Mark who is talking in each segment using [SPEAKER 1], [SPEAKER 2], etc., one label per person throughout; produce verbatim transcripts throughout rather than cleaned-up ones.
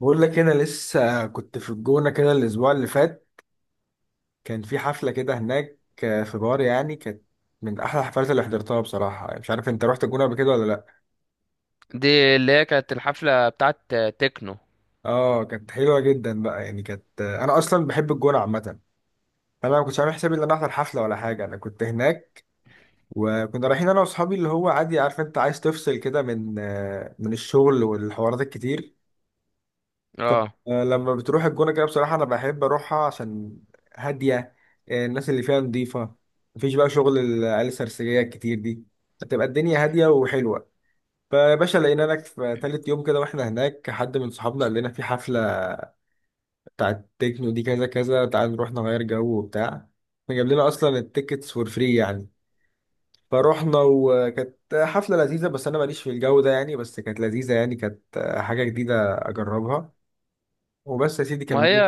[SPEAKER 1] بقول لك انا لسه كنت في الجونة كده الاسبوع اللي فات. كان في حفلة كده هناك، آه، في بار يعني، كانت من احلى الحفلات اللي حضرتها بصراحة. يعني مش عارف انت رحت الجونة قبل كده ولا لا.
[SPEAKER 2] دي اللي هي كانت الحفلة بتاعت تكنو.
[SPEAKER 1] اه، كانت حلوة جدا بقى، يعني كانت، آه، انا اصلا بحب الجونة عامة. فانا ما كنتش عامل حسابي ان انا احضر حفلة ولا حاجة، انا كنت هناك وكنا رايحين انا واصحابي، اللي هو عادي، عارف انت عايز تفصل كده من آه، من الشغل والحوارات الكتير.
[SPEAKER 2] اه.
[SPEAKER 1] فلما بتروح الجونة كده بصراحة، أنا بحب أروحها عشان هادية، آه، الناس اللي فيها نظيفة، مفيش بقى شغل العيال السرسجية الكتير دي، هتبقى الدنيا هادية وحلوة. فيا باشا، لقينا لك في تالت يوم كده واحنا هناك، حد من صحابنا قال لنا في حفلة بتاعت تكنو دي، كذا كذا، تعال نروح نغير جو وبتاع. فجاب لنا أصلا التيكتس فور فري يعني. فروحنا وكانت حفلة لذيذة، بس أنا ماليش في الجو ده يعني، بس كانت لذيذة يعني، كانت حاجة جديدة أجربها وبس يا سيدي،
[SPEAKER 2] ما هي
[SPEAKER 1] كملت.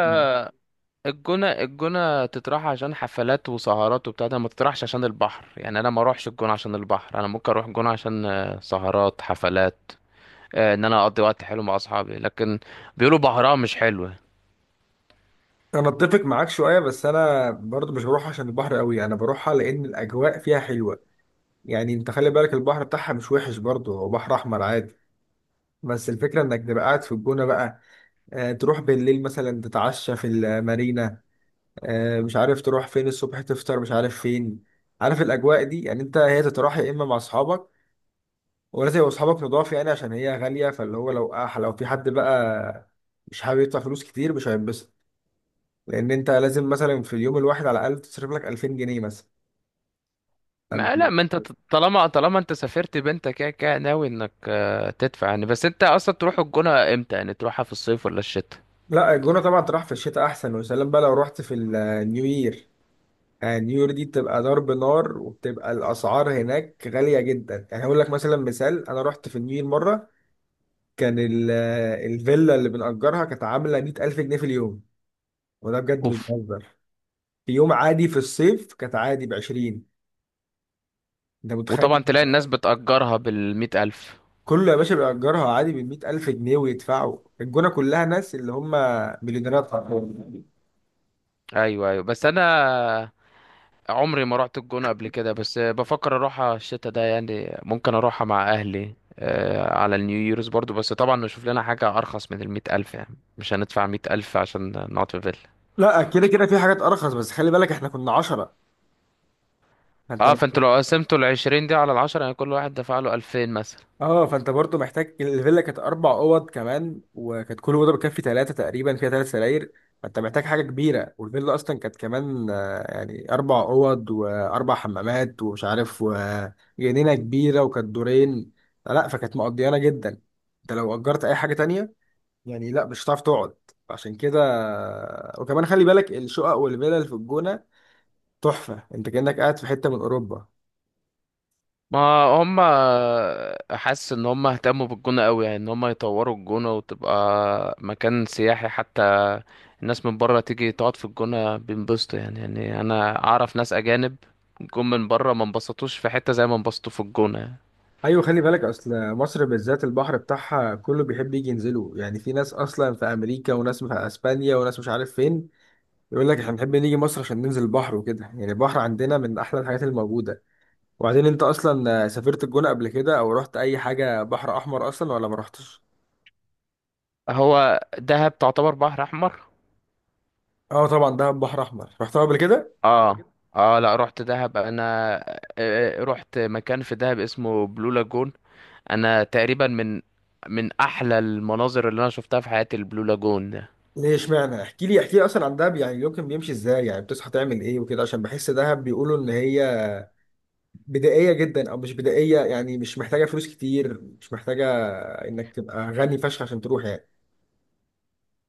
[SPEAKER 2] الجونة الجونة تطرح عشان حفلات وسهرات وبتاع ده، ما تطرحش عشان البحر. يعني انا ما اروحش الجونة عشان البحر، انا ممكن اروح الجونة عشان آه، سهرات حفلات، آه، ان انا اقضي وقت حلو مع اصحابي، لكن بيقولوا بحرها مش حلوة.
[SPEAKER 1] انا اتفق معاك شويه، بس انا برضو مش بروح عشان البحر قوي، انا بروحها لان الاجواء فيها حلوه. يعني انت خلي بالك البحر بتاعها مش وحش برضو، هو بحر احمر عادي، بس الفكره انك تبقى قاعد في الجونه بقى. آه، تروح بالليل مثلا تتعشى في المارينا، آه مش عارف تروح فين الصبح تفطر مش عارف فين. عارف الاجواء دي يعني، انت هي تروح يا اما مع اصحابك، ولازم يبقوا اصحابك نضاف يعني عشان هي غاليه. فاللي هو لو آه لو في حد بقى مش حابب يدفع فلوس كتير، مش هينبسط. لان انت لازم مثلا في اليوم الواحد على الاقل تصرف لك ألفين جنيه مثلا.
[SPEAKER 2] ما لا، ما انت ط- طالما طالما انت سافرت بنتك كده كده ناوي انك آه، تدفع يعني. بس انت اصلا تروح الجونة امتى؟ يعني تروحها في الصيف ولا الشتاء؟
[SPEAKER 1] لا الجونه طبعا تروح في الشتاء احسن، وسلام بقى لو رحت في النيو يير. النيو يير دي بتبقى ضرب نار، وبتبقى الاسعار هناك غاليه جدا. يعني هقول لك مثلا، مثال، انا رحت في النيو يير مره، كان ال- الفيلا اللي بنأجرها كانت عامله مية ألف جنيه في اليوم، وده بجد مش
[SPEAKER 2] اوف.
[SPEAKER 1] بهزر. في يوم عادي في الصيف كانت عادي ب عشرين. انت متخيل؟
[SPEAKER 2] وطبعا تلاقي الناس بتأجرها بالمئة ألف.
[SPEAKER 1] كله يا باشا بيأجرها عادي ب مية ألف جنيه، ويدفعوا الجونة كلها ناس اللي هم مليونيرات حرفياً.
[SPEAKER 2] ايوه، ايوه، بس انا عمري ما رحت الجونة قبل كده، بس بفكر اروحها الشتاء ده، يعني ممكن اروحها مع اهلي آه، على النيو ييرز برضو، بس طبعا نشوف لنا حاجة ارخص من المية الف، يعني مش هندفع مية الف عشان نقعد في فيلا.
[SPEAKER 1] لا كده كده في حاجات أرخص، بس خلي بالك احنا كنا عشرة، فانت
[SPEAKER 2] اه، فانتوا
[SPEAKER 1] محتاج.
[SPEAKER 2] لو قسمتوا العشرين دي على العشرة يعني كل واحد دفع له الفين مثلا.
[SPEAKER 1] اه فانت برضو محتاج، الفيلا كانت أربع أوض كمان، وكانت كل أوضة بتكفي ثلاثة تقريبا، فيها ثلاث سراير. فانت محتاج حاجة كبيرة، والفيلا أصلا كانت كمان، آه، يعني أربع أوض وأربع حمامات ومش عارف، وجنينة كبيرة، وكانت دورين. لا فكانت مقضيانة جدا. انت لو أجرت أي حاجة تانية يعني، لا مش هتعرف تقعد، عشان كده. وكمان خلي بالك الشقق والفلل في الجونة تحفة، انت كأنك قاعد في حتة من اوروبا.
[SPEAKER 2] ما هم، حاسس ان هم اهتموا بالجونة قوي، يعني ان هم يطوروا الجونة وتبقى مكان سياحي، حتى الناس من بره تيجي تقعد في الجونة بينبسطوا يعني يعني انا اعرف ناس اجانب جم من بره، ما انبسطوش في حتة زي ما انبسطوا في الجونة يعني.
[SPEAKER 1] ايوه، خلي بالك اصل مصر بالذات البحر بتاعها كله بيحب يجي ينزله. يعني في ناس اصلا في امريكا، وناس في اسبانيا، وناس مش عارف فين، يقول لك احنا بنحب نيجي مصر عشان ننزل البحر وكده. يعني البحر عندنا من احلى الحاجات الموجودة. وبعدين انت اصلا سافرت الجونة قبل كده، او رحت اي حاجة بحر احمر اصلا ولا ما رحتش؟
[SPEAKER 2] هو دهب تعتبر بحر احمر؟
[SPEAKER 1] اه طبعا ده بحر احمر، رحتها قبل كده.
[SPEAKER 2] اه. اه، لا، رحت دهب انا. آه، آه، رحت مكان في دهب اسمه بلو لاجون. انا تقريبا من من احلى المناظر اللي انا شفتها في حياتي البلو لاجون.
[SPEAKER 1] ليه اشمعنى؟ احكي لي احكي لي اصلا عن دهب، يعني يمكن بيمشي ازاي، يعني بتصحى تعمل ايه وكده، عشان بحس دهب بيقولوا ان هي بدائيه جدا، او مش بدائيه يعني، مش محتاجه فلوس كتير، مش محتاجه انك تبقى غني فشخ عشان تروح يعني.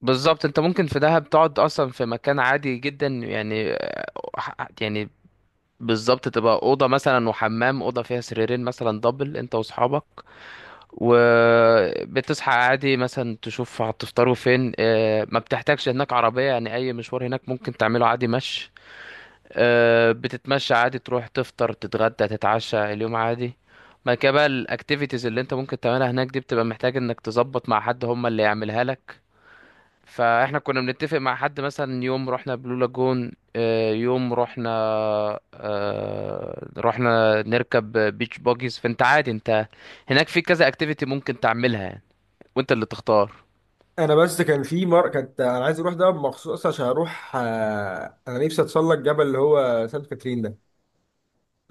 [SPEAKER 2] بالظبط، انت ممكن في دهب تقعد اصلا في مكان عادي جدا يعني، آه، يعني بالظبط تبقى اوضه مثلا وحمام، اوضه فيها سريرين مثلا دبل، انت واصحابك. وبتصحى عادي مثلا تشوف هتفطروا فين، آه، ما بتحتاجش هناك عربيه، يعني اي مشوار هناك ممكن تعمله عادي مشي. آه، بتتمشى عادي، تروح تفطر تتغدى تتعشى اليوم عادي. بعد كده بقى الاكتيفيتيز اللي انت ممكن تعملها هناك دي، بتبقى محتاج انك تظبط مع حد هم اللي يعملها لك. فاحنا كنا بنتفق مع حد، مثلا يوم رحنا بلو لاجون، آه، يوم رحنا آه، رحنا نركب بيتش باجيز. فانت عادي، انت هناك في كذا اكتيفيتي ممكن تعملها يعني، وانت اللي تختار.
[SPEAKER 1] انا بس كان في مر كانت، انا عايز اروح دهب مخصوص عشان اروح، آه، انا نفسي اتسلق جبل اللي هو سانت كاترين ده.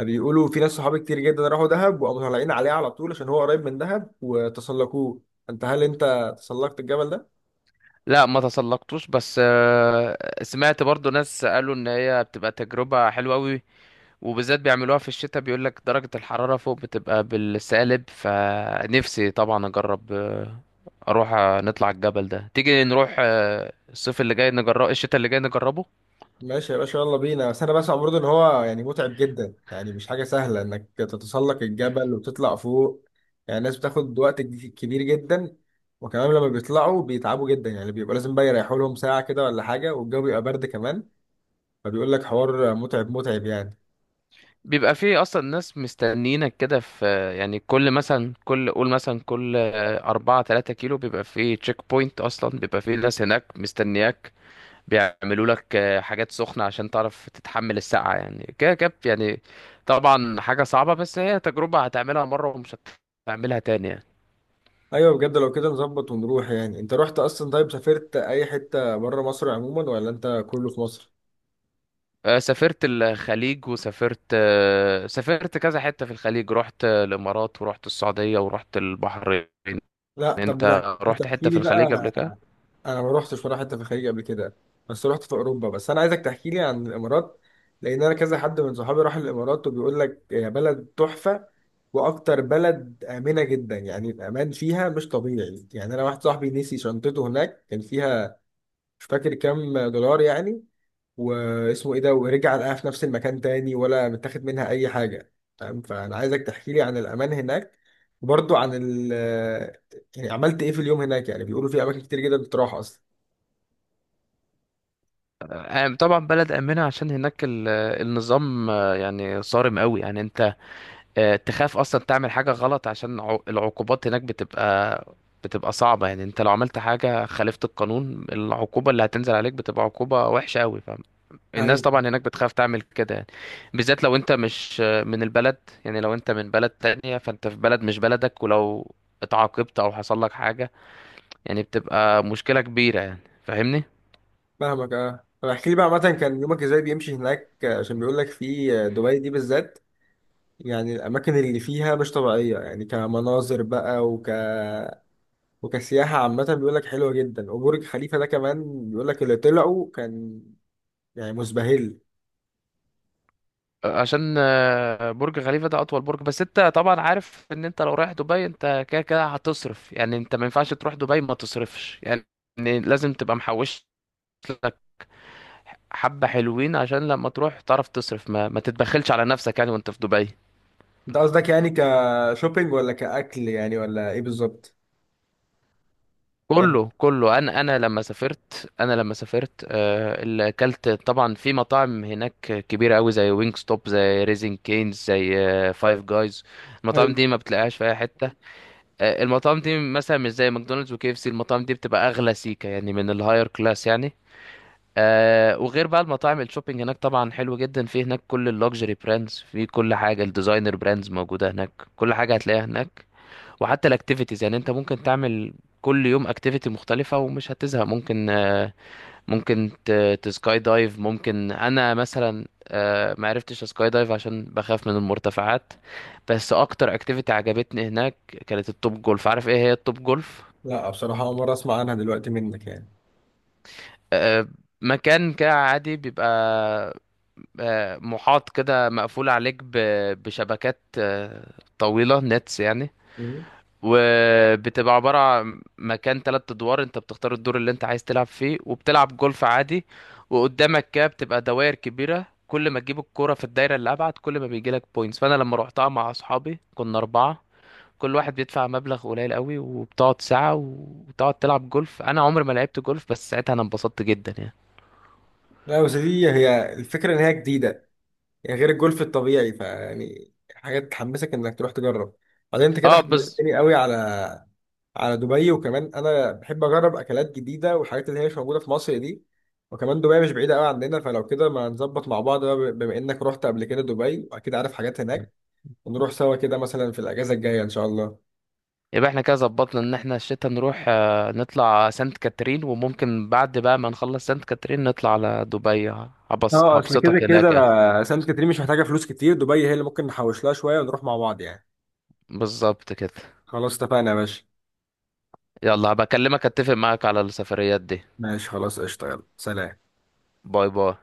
[SPEAKER 1] بيقولوا في ناس صحابي كتير جدا راحوا دهب وقاموا طالعين عليه على طول، عشان هو قريب من دهب، وتسلقوه. انت هل انت تسلقت الجبل ده؟
[SPEAKER 2] لا ما تسلقتوش، بس آه، سمعت برضو ناس قالوا ان هي بتبقى تجربة حلوة قوي، وبالذات بيعملوها في الشتاء، بيقول لك درجة الحرارة فوق بتبقى بالسالب. فنفسي طبعا اجرب، آه، اروح، آه، نطلع الجبل ده، تيجي نروح، آه، الصيف اللي جاي نجرب، الشتاء اللي جاي نجربه.
[SPEAKER 1] ماشي يا باشا، يلا بينا. بس انا بسمع برضه ان هو يعني متعب جدا، يعني مش حاجه سهله انك تتسلق الجبل وتطلع فوق. يعني الناس بتاخد وقت ج- كبير جدا، وكمان لما بيطلعوا بيتعبوا جدا، يعني بيبقى لازم بقى يريحوا لهم ساعه كده ولا حاجه، والجو بيبقى برد كمان. فبيقول لك حوار متعب متعب يعني.
[SPEAKER 2] بيبقى فيه اصلا ناس مستنيينك كده في، آه، يعني كل مثلا كل قول مثلا كل آه، أربعة تلاتة كيلو بيبقى فيه تشيك بوينت، اصلا بيبقى فيه ناس هناك مستنياك، بيعملوا لك آه، حاجات سخنة عشان تعرف تتحمل السقعة يعني كده كده يعني. طبعا حاجة صعبة، بس هي تجربة هتعملها مرة ومش هتعملها تاني يعني.
[SPEAKER 1] ايوه بجد، لو كده نظبط ونروح. يعني انت رحت اصلا؟ طيب سافرت اي حته بره مصر عموما، ولا انت كله في مصر؟
[SPEAKER 2] آه، سافرت الخليج، وسافرت آه، سافرت كذا حتة في الخليج، رحت آه، الإمارات ورحت السعودية ورحت البحرين.
[SPEAKER 1] لا طب
[SPEAKER 2] انت
[SPEAKER 1] ما
[SPEAKER 2] رحت
[SPEAKER 1] تحكي
[SPEAKER 2] حتة في
[SPEAKER 1] لي بقى.
[SPEAKER 2] الخليج قبل كده؟
[SPEAKER 1] انا ما روحتش ولا حته في الخليج قبل كده، بس روحت في اوروبا. بس انا عايزك تحكي لي عن الامارات، لان انا كذا حد من صحابي راح الامارات وبيقول لك يا بلد تحفه، واكتر بلد امنه جدا. يعني الامان فيها مش طبيعي، يعني انا واحد صاحبي نسي شنطته هناك، كان فيها مش فاكر كام دولار يعني، واسمه ايه ده، ورجع لقاها في نفس المكان تاني، ولا متاخد منها اي حاجه. فاهم؟ فانا عايزك تحكي لي عن الامان هناك، وبرضه عن ال، يعني عملت ايه في اليوم هناك، يعني بيقولوا في اماكن كتير جدا بتروح اصلا.
[SPEAKER 2] آه، طبعا بلد آمنة، عشان هناك ال- النظام آه، يعني صارم قوي، يعني انت آه، تخاف اصلا تعمل حاجه غلط عشان عو- العقوبات هناك بتبقى بتبقى صعبه، يعني انت لو عملت حاجه خالفت القانون، العقوبه اللي هتنزل عليك بتبقى عقوبه وحشه قوي. فالناس
[SPEAKER 1] ايوه،
[SPEAKER 2] طبعا هناك بتخاف تعمل كده يعني. بالذات لو انت مش آه، من البلد، يعني لو انت من بلد تانية، فانت في بلد مش بلدك، ولو اتعاقبت او حصل لك حاجه يعني بتبقى مشكله كبيره يعني، فاهمني.
[SPEAKER 1] فاهمك. اه طب احكي لي بقى عامة كان يومك ازاي بيمشي هناك، آه، عشان بيقول لك في، آه، دبي دي بالذات يعني الاماكن اللي فيها مش طبيعية، يعني كمناظر بقى، وك، وكسياحة عامة بيقول لك حلوة جدا، وبرج خليفة ده كمان بيقول لك اللي طلعوا كان يعني مزبهل.
[SPEAKER 2] عشان آه، برج خليفة ده أطول برج. بس أنت طبعا عارف إن أنت لو رايح دبي، أنت كده كده هتصرف يعني، أنت ما ينفعش تروح دبي ما تصرفش يعني، لازم تبقى محوش لك حبة حلوين عشان لما تروح تعرف تصرف، ما, ما تتبخلش على نفسك يعني وأنت في دبي.
[SPEAKER 1] انت قصدك يعني كشوبينج، ولا كأكل يعني، ولا ايه بالظبط؟ يعني
[SPEAKER 2] كله كله، أنا أنا لما سافرت أنا لما سافرت آه، اللي أكلت طبعا في مطاعم هناك كبيرة أوي، زي وينج ستوب، زي ريزين كينز، زي فايف جايز. المطاعم
[SPEAKER 1] حلو.
[SPEAKER 2] دي ما بتلاقيهاش في أي حتة. آه، المطاعم دي مثلا مش زي ماكدونالدز وكي اف سي، المطاعم دي بتبقى اغلى سيكا، يعني من الهاير كلاس يعني. آه وغير بقى المطاعم، الشوبينج هناك طبعا حلو جدا، في هناك كل اللوكسجري براندز، في كل حاجه الديزاينر براندز موجوده هناك، كل حاجه هتلاقيها هناك. وحتى الاكتيفيتيز يعني انت ممكن تعمل كل يوم اكتيفيتي مختلفه ومش هتزهق، ممكن آه، ممكن ت- تسكاي دايف، ممكن انا مثلا آه، ما عرفتش اسكاي دايف عشان بخاف من المرتفعات. بس اكتر اكتيفيتي عجبتني هناك كانت التوب جولف. عارف ايه هي التوب جولف؟
[SPEAKER 1] لا بصراحة أول مرة أسمع عنها دلوقتي منك يعني.
[SPEAKER 2] آه، مكان كده عادي، بيبقى آه، محاط كده، مقفول عليك ب- بشبكات آه، طويلة، نتس يعني.
[SPEAKER 1] مم.
[SPEAKER 2] وبتبقى عبارة عن مكان تلات أدوار، أنت بتختار الدور اللي أنت عايز تلعب فيه وبتلعب جولف عادي، وقدامك كده بتبقى دوائر كبيرة، كل ما تجيب الكرة في الدايرة اللي أبعد كل ما بيجيلك بوينتس. فأنا لما روحتها مع أصحابي كنا أربعة، كل واحد بيدفع مبلغ قليل قوي وبتقعد ساعة وتقعد تلعب جولف، أنا عمري ما لعبت جولف بس ساعتها أنا انبسطت جدا يعني.
[SPEAKER 1] لا بس دي هي الفكرة، إن هي جديدة يعني، غير الجولف الطبيعي، فيعني حاجات تحمسك انك تروح تجرب. بعدين انت كده
[SPEAKER 2] اه بس.
[SPEAKER 1] حمستني قوي على، على دبي، وكمان انا بحب اجرب اكلات جديده والحاجات اللي هي مش موجوده في مصر دي. وكمان دبي مش بعيده قوي عندنا، فلو كده ما نظبط مع بعض بقى، بما انك رحت قبل كده دبي واكيد عارف حاجات هناك، ونروح سوا كده مثلا في الاجازه الجايه ان شاء الله.
[SPEAKER 2] يبقى احنا كده ظبطنا ان احنا الشتا نروح آه، نطلع سانت كاترين، وممكن بعد بقى ما نخلص سانت كاترين نطلع على دبي، هبص
[SPEAKER 1] اه اصل كده
[SPEAKER 2] هبسطك هناك يعني.
[SPEAKER 1] كده سانت كاترين مش محتاجه فلوس كتير، دبي هي اللي ممكن نحوش لها شويه ونروح مع بعض يعني.
[SPEAKER 2] بالظبط كده.
[SPEAKER 1] خلاص اتفقنا يا باشا.
[SPEAKER 2] يلا هبكلمك، اتفق معاك على السفريات دي.
[SPEAKER 1] ماشي خلاص، قشطه، يلا سلام.
[SPEAKER 2] باي باي.